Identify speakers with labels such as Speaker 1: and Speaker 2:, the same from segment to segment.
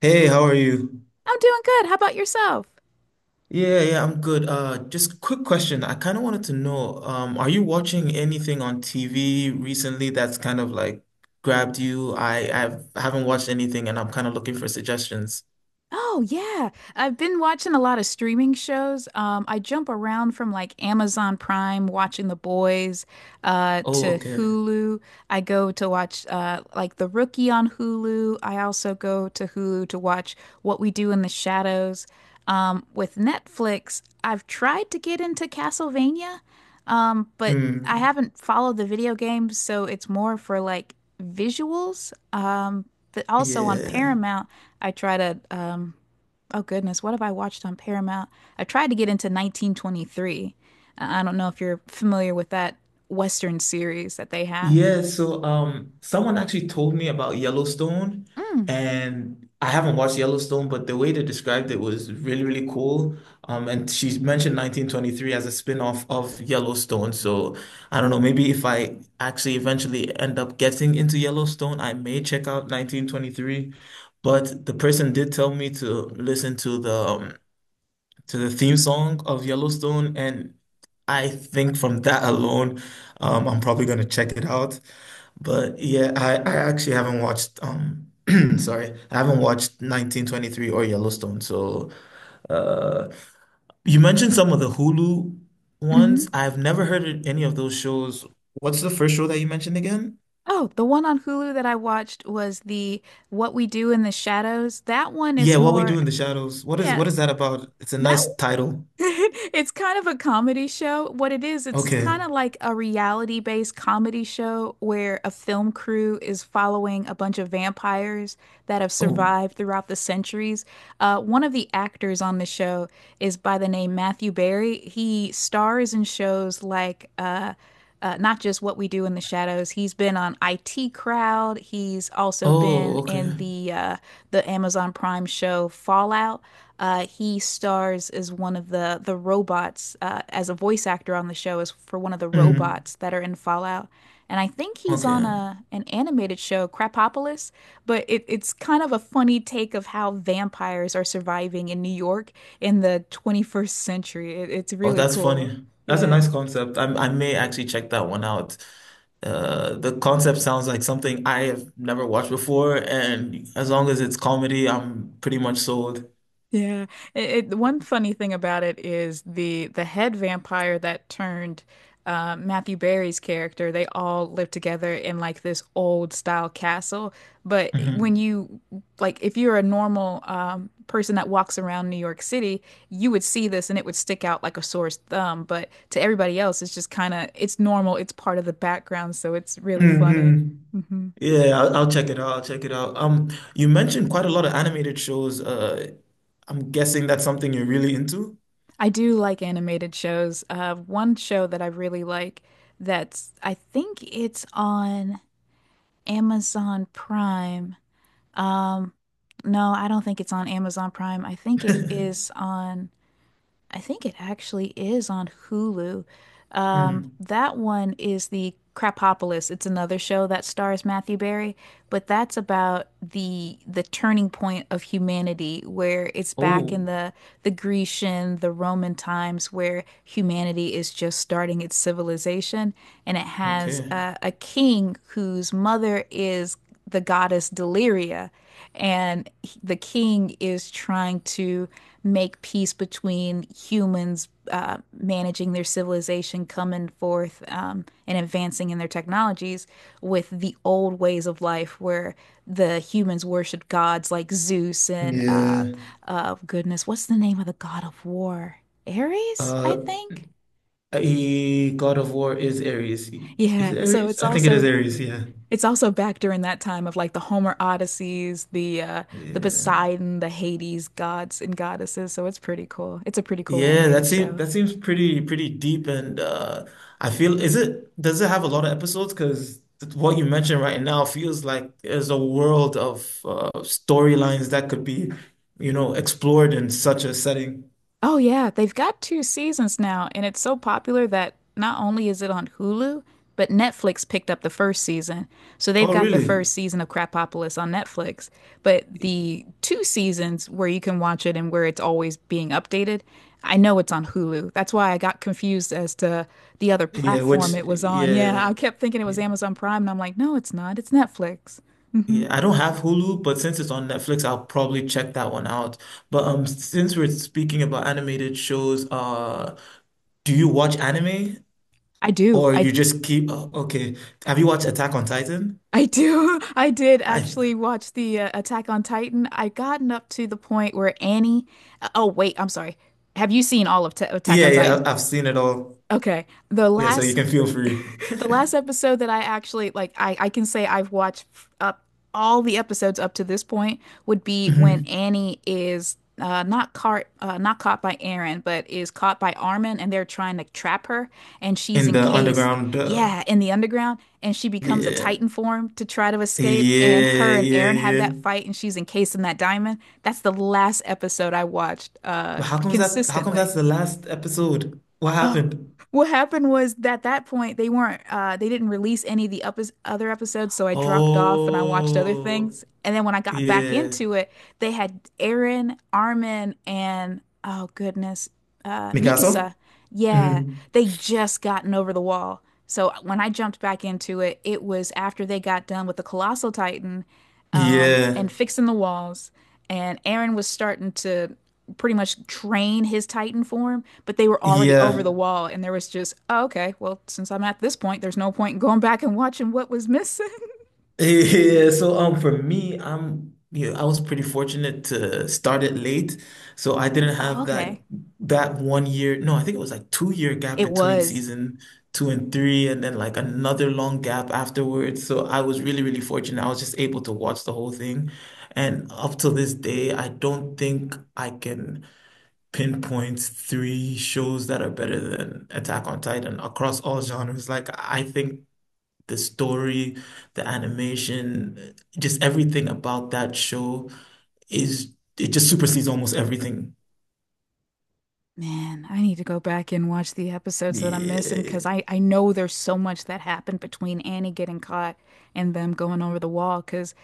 Speaker 1: Hey, how are you?
Speaker 2: I'm doing good. How about yourself?
Speaker 1: Yeah, yeah, I'm good. Just quick question. I kind of wanted to know, are you watching anything on TV recently that's kind of like grabbed you? I haven't watched anything and I'm kind of looking for suggestions.
Speaker 2: Oh yeah, I've been watching a lot of streaming shows. I jump around from like Amazon Prime, watching The Boys,
Speaker 1: Oh,
Speaker 2: to
Speaker 1: okay.
Speaker 2: Hulu. I go to watch like The Rookie on Hulu. I also go to Hulu to watch What We Do in the Shadows. With Netflix, I've tried to get into Castlevania, but I
Speaker 1: Mm,
Speaker 2: haven't followed the video games, so it's more for like visuals. But also on
Speaker 1: yeah.
Speaker 2: Paramount. I try to oh goodness, what have I watched on Paramount? I tried to get into 1923. I don't know if you're familiar with that Western series that they have.
Speaker 1: Yeah, so someone actually told me about Yellowstone,
Speaker 2: Mm.
Speaker 1: and I haven't watched Yellowstone, but the way they described it was really, really cool. And she mentioned 1923 as a spin-off of Yellowstone. So I don't know, maybe if I actually eventually end up getting into Yellowstone, I may check out 1923. But the person did tell me to listen to the to the theme song of Yellowstone, and I think from that alone, I'm probably gonna check it out. But yeah, I actually haven't watched sorry, I haven't watched 1923 or Yellowstone. So uh you mentioned some of the Hulu ones.
Speaker 2: Hmm.
Speaker 1: I've never heard of any of those shows. What's the first show that you mentioned again?
Speaker 2: Oh, the one on Hulu that I watched was the What We Do in the Shadows. That one is
Speaker 1: Yeah, What We
Speaker 2: more,
Speaker 1: Do in the Shadows. What is
Speaker 2: yeah,
Speaker 1: what is that about? It's a
Speaker 2: that
Speaker 1: nice title.
Speaker 2: it's kind of a comedy show. What it is, it's
Speaker 1: Okay.
Speaker 2: kind of like a reality-based comedy show where a film crew is following a bunch of vampires that have
Speaker 1: Oh.
Speaker 2: survived throughout the centuries. One of the actors on the show is by the name Matthew Berry. He stars in shows like not just What We Do in the Shadows. He's been on IT Crowd. He's also
Speaker 1: Oh,
Speaker 2: been
Speaker 1: okay.
Speaker 2: in the Amazon Prime show Fallout. He stars as one of the robots as a voice actor on the show as for one of the
Speaker 1: Mm.
Speaker 2: robots that are in Fallout. And I think he's on
Speaker 1: Okay.
Speaker 2: a an animated show, Crapopolis, but it's kind of a funny take of how vampires are surviving in New York in the 21st century. It's
Speaker 1: Oh,
Speaker 2: really
Speaker 1: that's
Speaker 2: cool.
Speaker 1: funny. That's a
Speaker 2: Yeah.
Speaker 1: nice concept. I may actually check that one out. The concept sounds like something I have never watched before, and as long as it's comedy, I'm pretty much sold.
Speaker 2: Yeah. One funny thing about it is the head vampire that turned Matthew Barry's character. They all live together in like this old style castle. But
Speaker 1: Hmm.
Speaker 2: when you like if you're a normal person that walks around New York City, you would see this and it would stick out like a sore thumb. But to everybody else, it's just kind of it's normal. It's part of the background, so it's really funny.
Speaker 1: Mm. Yeah, I'll check it out. I'll check it out. You mentioned quite a lot of animated shows. I'm guessing that's something you're really into.
Speaker 2: I do like animated shows. One show that I really like, that's I think it's on Amazon Prime. Um, no, I don't think it's on Amazon Prime. I think it actually is on Hulu.
Speaker 1: Mm.
Speaker 2: That one is the Crapopolis. It's another show that stars Matthew Berry, but that's about the turning point of humanity, where it's back
Speaker 1: Oh,
Speaker 2: in the Grecian, the Roman times, where humanity is just starting its civilization, and it has
Speaker 1: okay.
Speaker 2: a king whose mother is the goddess Deliria, and the king is trying to make peace between humans, managing their civilization, coming forth, and advancing in their technologies with the old ways of life where the humans worshiped gods like Zeus and,
Speaker 1: Yeah.
Speaker 2: goodness, what's the name of the god of war? Ares, I
Speaker 1: Uh,
Speaker 2: think.
Speaker 1: God of War is Ares. Is
Speaker 2: Yeah,
Speaker 1: it
Speaker 2: so
Speaker 1: Ares?
Speaker 2: it's
Speaker 1: I think it is
Speaker 2: also
Speaker 1: Ares, yeah.
Speaker 2: it's also back during that time of like the Homer Odysseys, the
Speaker 1: Yeah.
Speaker 2: Poseidon, the Hades gods and goddesses, so it's pretty cool. It's a pretty cool
Speaker 1: Yeah,
Speaker 2: animated
Speaker 1: that seems
Speaker 2: show.
Speaker 1: that seems pretty pretty deep, and I feel is it does it have a lot of episodes? Because what you mentioned right now feels like there's a world of storylines that could be, you know, explored in such a setting.
Speaker 2: Oh yeah, they've got two seasons now, and it's so popular that not only is it on Hulu, but Netflix picked up the first season. So they've
Speaker 1: Oh,
Speaker 2: got the
Speaker 1: really?
Speaker 2: first season of Crapopolis on Netflix, but the two seasons where you can watch it and where it's always being updated, I know it's on Hulu. That's why I got confused as to the other
Speaker 1: Yeah,
Speaker 2: platform
Speaker 1: which,
Speaker 2: it was on. Yeah,
Speaker 1: yeah.
Speaker 2: I kept thinking it was
Speaker 1: Yeah.
Speaker 2: Amazon Prime, and I'm like, no, it's not. It's Netflix. Hmm.
Speaker 1: Yeah, I don't have Hulu, but since it's on Netflix, I'll probably check that one out. But since we're speaking about animated shows, do you watch anime?
Speaker 2: I do.
Speaker 1: Or
Speaker 2: I
Speaker 1: you just keep, oh, okay. Have you watched Attack on Titan?
Speaker 2: I do. I did
Speaker 1: I,
Speaker 2: actually watch the Attack on Titan. I gotten up to the point where Annie. Uh, oh wait, I'm sorry. Have you seen all of Ta Attack
Speaker 1: yeah,
Speaker 2: on
Speaker 1: yeah,
Speaker 2: Titan?
Speaker 1: I've seen it all.
Speaker 2: Okay, the
Speaker 1: Yeah, so you
Speaker 2: last
Speaker 1: can feel free.
Speaker 2: the last episode that I actually, like, I can say I've watched up all the episodes up to this point, would be when
Speaker 1: Mhm.
Speaker 2: Annie is not caught not caught by Aaron, but is caught by Armin, and they're trying to trap her, and she's
Speaker 1: In the
Speaker 2: encased,
Speaker 1: underground,
Speaker 2: yeah, in the underground, and she becomes a
Speaker 1: yeah,
Speaker 2: Titan form to try to escape, and
Speaker 1: yeah,
Speaker 2: her and
Speaker 1: yeah,
Speaker 2: Aaron have
Speaker 1: yeah.
Speaker 2: that fight, and she's encased in that diamond. That's the last episode I watched
Speaker 1: But how come
Speaker 2: consistently.
Speaker 1: that's the last episode? What
Speaker 2: Oh,
Speaker 1: happened?
Speaker 2: what happened was that at that point they weren't they didn't release any of the up other episodes, so I dropped off and I watched other
Speaker 1: Oh,
Speaker 2: things. And then when I got back
Speaker 1: yeah.
Speaker 2: into it, they had Aaron, Armin, and oh goodness,
Speaker 1: Mikasa?
Speaker 2: Mikasa. Yeah,
Speaker 1: Mhm.
Speaker 2: they just gotten over the wall. So when I jumped back into it, it was after they got done with the Colossal Titan
Speaker 1: Yeah,
Speaker 2: and fixing the walls. And Aaron was starting to pretty much train his Titan form, but they were already over the
Speaker 1: yeah.
Speaker 2: wall. And there was just, oh, okay, well, since I'm at this point, there's no point in going back and watching what was missing.
Speaker 1: Yeah, so for me, I'm yeah, I was pretty fortunate to start it late. So I didn't
Speaker 2: Oh,
Speaker 1: have
Speaker 2: okay.
Speaker 1: that one year. No, I think it was like 2-year gap
Speaker 2: It
Speaker 1: between
Speaker 2: was
Speaker 1: season two and three, and then like another long gap afterwards. So I was really, really fortunate. I was just able to watch the whole thing. And up till this day, I don't think I can pinpoint three shows that are better than Attack on Titan across all genres. Like I think the story, the animation, just everything about that show is it just supersedes almost everything.
Speaker 2: man, I need to go back and watch the episodes that I'm missing
Speaker 1: Yeah.
Speaker 2: because I know there's so much that happened between Annie getting caught and them going over the wall. Because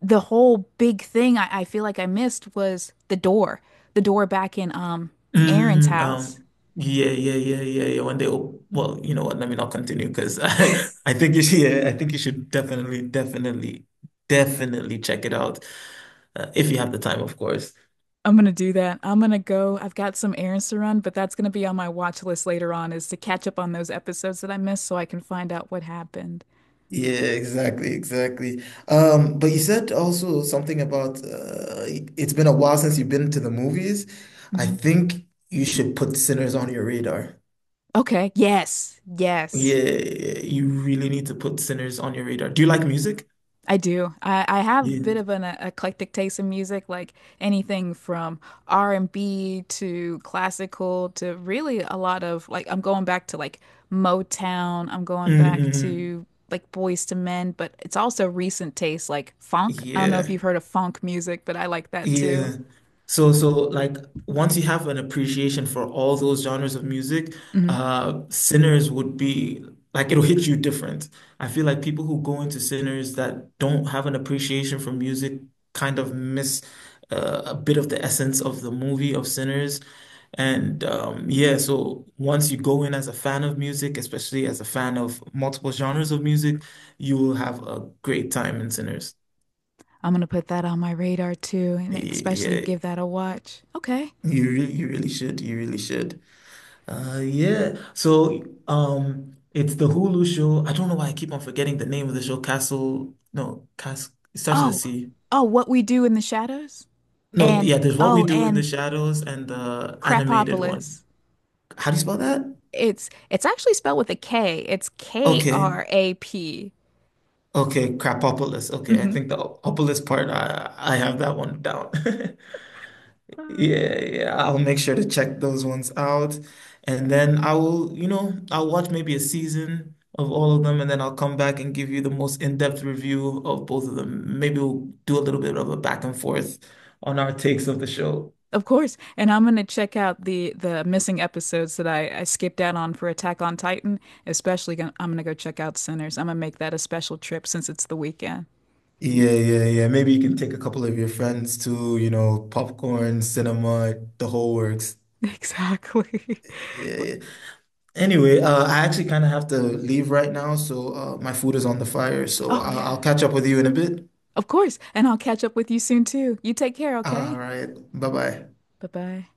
Speaker 2: the whole big thing I feel like I missed was the door back in Aaron's
Speaker 1: Mm,
Speaker 2: house.
Speaker 1: um, yeah, yeah, yeah, yeah, yeah. When they op well, you know what? Let me not continue because I think you should, yeah, I think you should definitely, definitely, definitely check it out if you have the time, of course.
Speaker 2: I'm gonna do that. I'm gonna go. I've got some errands to run, but that's gonna be on my watch list later on is to catch up on those episodes that I missed so I can find out what happened.
Speaker 1: Yeah, exactly, exactly. But you said also something about it's been a while since you've been to the movies. I
Speaker 2: Hmm.
Speaker 1: think you should put Sinners on your radar.
Speaker 2: Okay. Yes. Yes.
Speaker 1: Yeah, you really need to put Sinners on your radar. Do you like music?
Speaker 2: I do. I have a
Speaker 1: Yeah.
Speaker 2: bit of an eclectic taste in music, like anything from R&B to classical to really a lot of like I'm going back to like Motown, I'm going back
Speaker 1: Mm-mm.
Speaker 2: to like Boys to Men, but it's also recent taste like funk. I don't know if
Speaker 1: Yeah.
Speaker 2: you've heard of funk music, but I like that too.
Speaker 1: Yeah. So like once you have an appreciation for all those genres of music,
Speaker 2: Hmm.
Speaker 1: Sinners would be like it'll hit you different. I feel like people who go into Sinners that don't have an appreciation for music kind of miss a bit of the essence of the movie of Sinners. And yeah, so once you go in as a fan of music, especially as a fan of multiple genres of music, you will have a great time in Sinners.
Speaker 2: I'm gonna put that on my radar too, and especially
Speaker 1: Yeah.
Speaker 2: give that a watch. Okay.
Speaker 1: You really should. You really should. Yeah. So, it's the Hulu show. I don't know why I keep on forgetting the name of the show. Castle. No, Cast. It starts with a
Speaker 2: Oh,
Speaker 1: C.
Speaker 2: oh, What We Do in the Shadows,
Speaker 1: No,
Speaker 2: and
Speaker 1: yeah. There's What We
Speaker 2: oh,
Speaker 1: Do in the
Speaker 2: and
Speaker 1: Shadows and the animated one.
Speaker 2: Crapopolis.
Speaker 1: How do you spell that?
Speaker 2: It's actually spelled with a K. It's K
Speaker 1: Okay.
Speaker 2: R A P.
Speaker 1: Okay. Crapopolis. Okay. I
Speaker 2: Mhm.
Speaker 1: think the opolis part. I have that one down.
Speaker 2: Ah.
Speaker 1: Yeah, yeah, I'll make sure to check those ones out. And then I will, you know, I'll watch maybe a season of all of them, and then I'll come back and give you the most in-depth review of both of them. Maybe we'll do a little bit of a back and forth on our takes of the show.
Speaker 2: Of course. And I'm gonna check out the missing episodes that I skipped out on for Attack on Titan. Especially gonna, I'm gonna go check out Sinners. I'm gonna make that a special trip since it's the weekend.
Speaker 1: Yeah, yeah, yeah. Maybe you can take a couple of your friends to, you know, popcorn, cinema, the whole works.
Speaker 2: Exactly.
Speaker 1: Yeah, yeah. Anyway, I actually kind of have to leave right now, so my food is on the fire. So
Speaker 2: Oh yeah.
Speaker 1: I'll catch up with you in a bit.
Speaker 2: Of course. And I'll catch up with you soon too. You take care,
Speaker 1: All
Speaker 2: okay?
Speaker 1: right. Bye-bye.
Speaker 2: Bye-bye.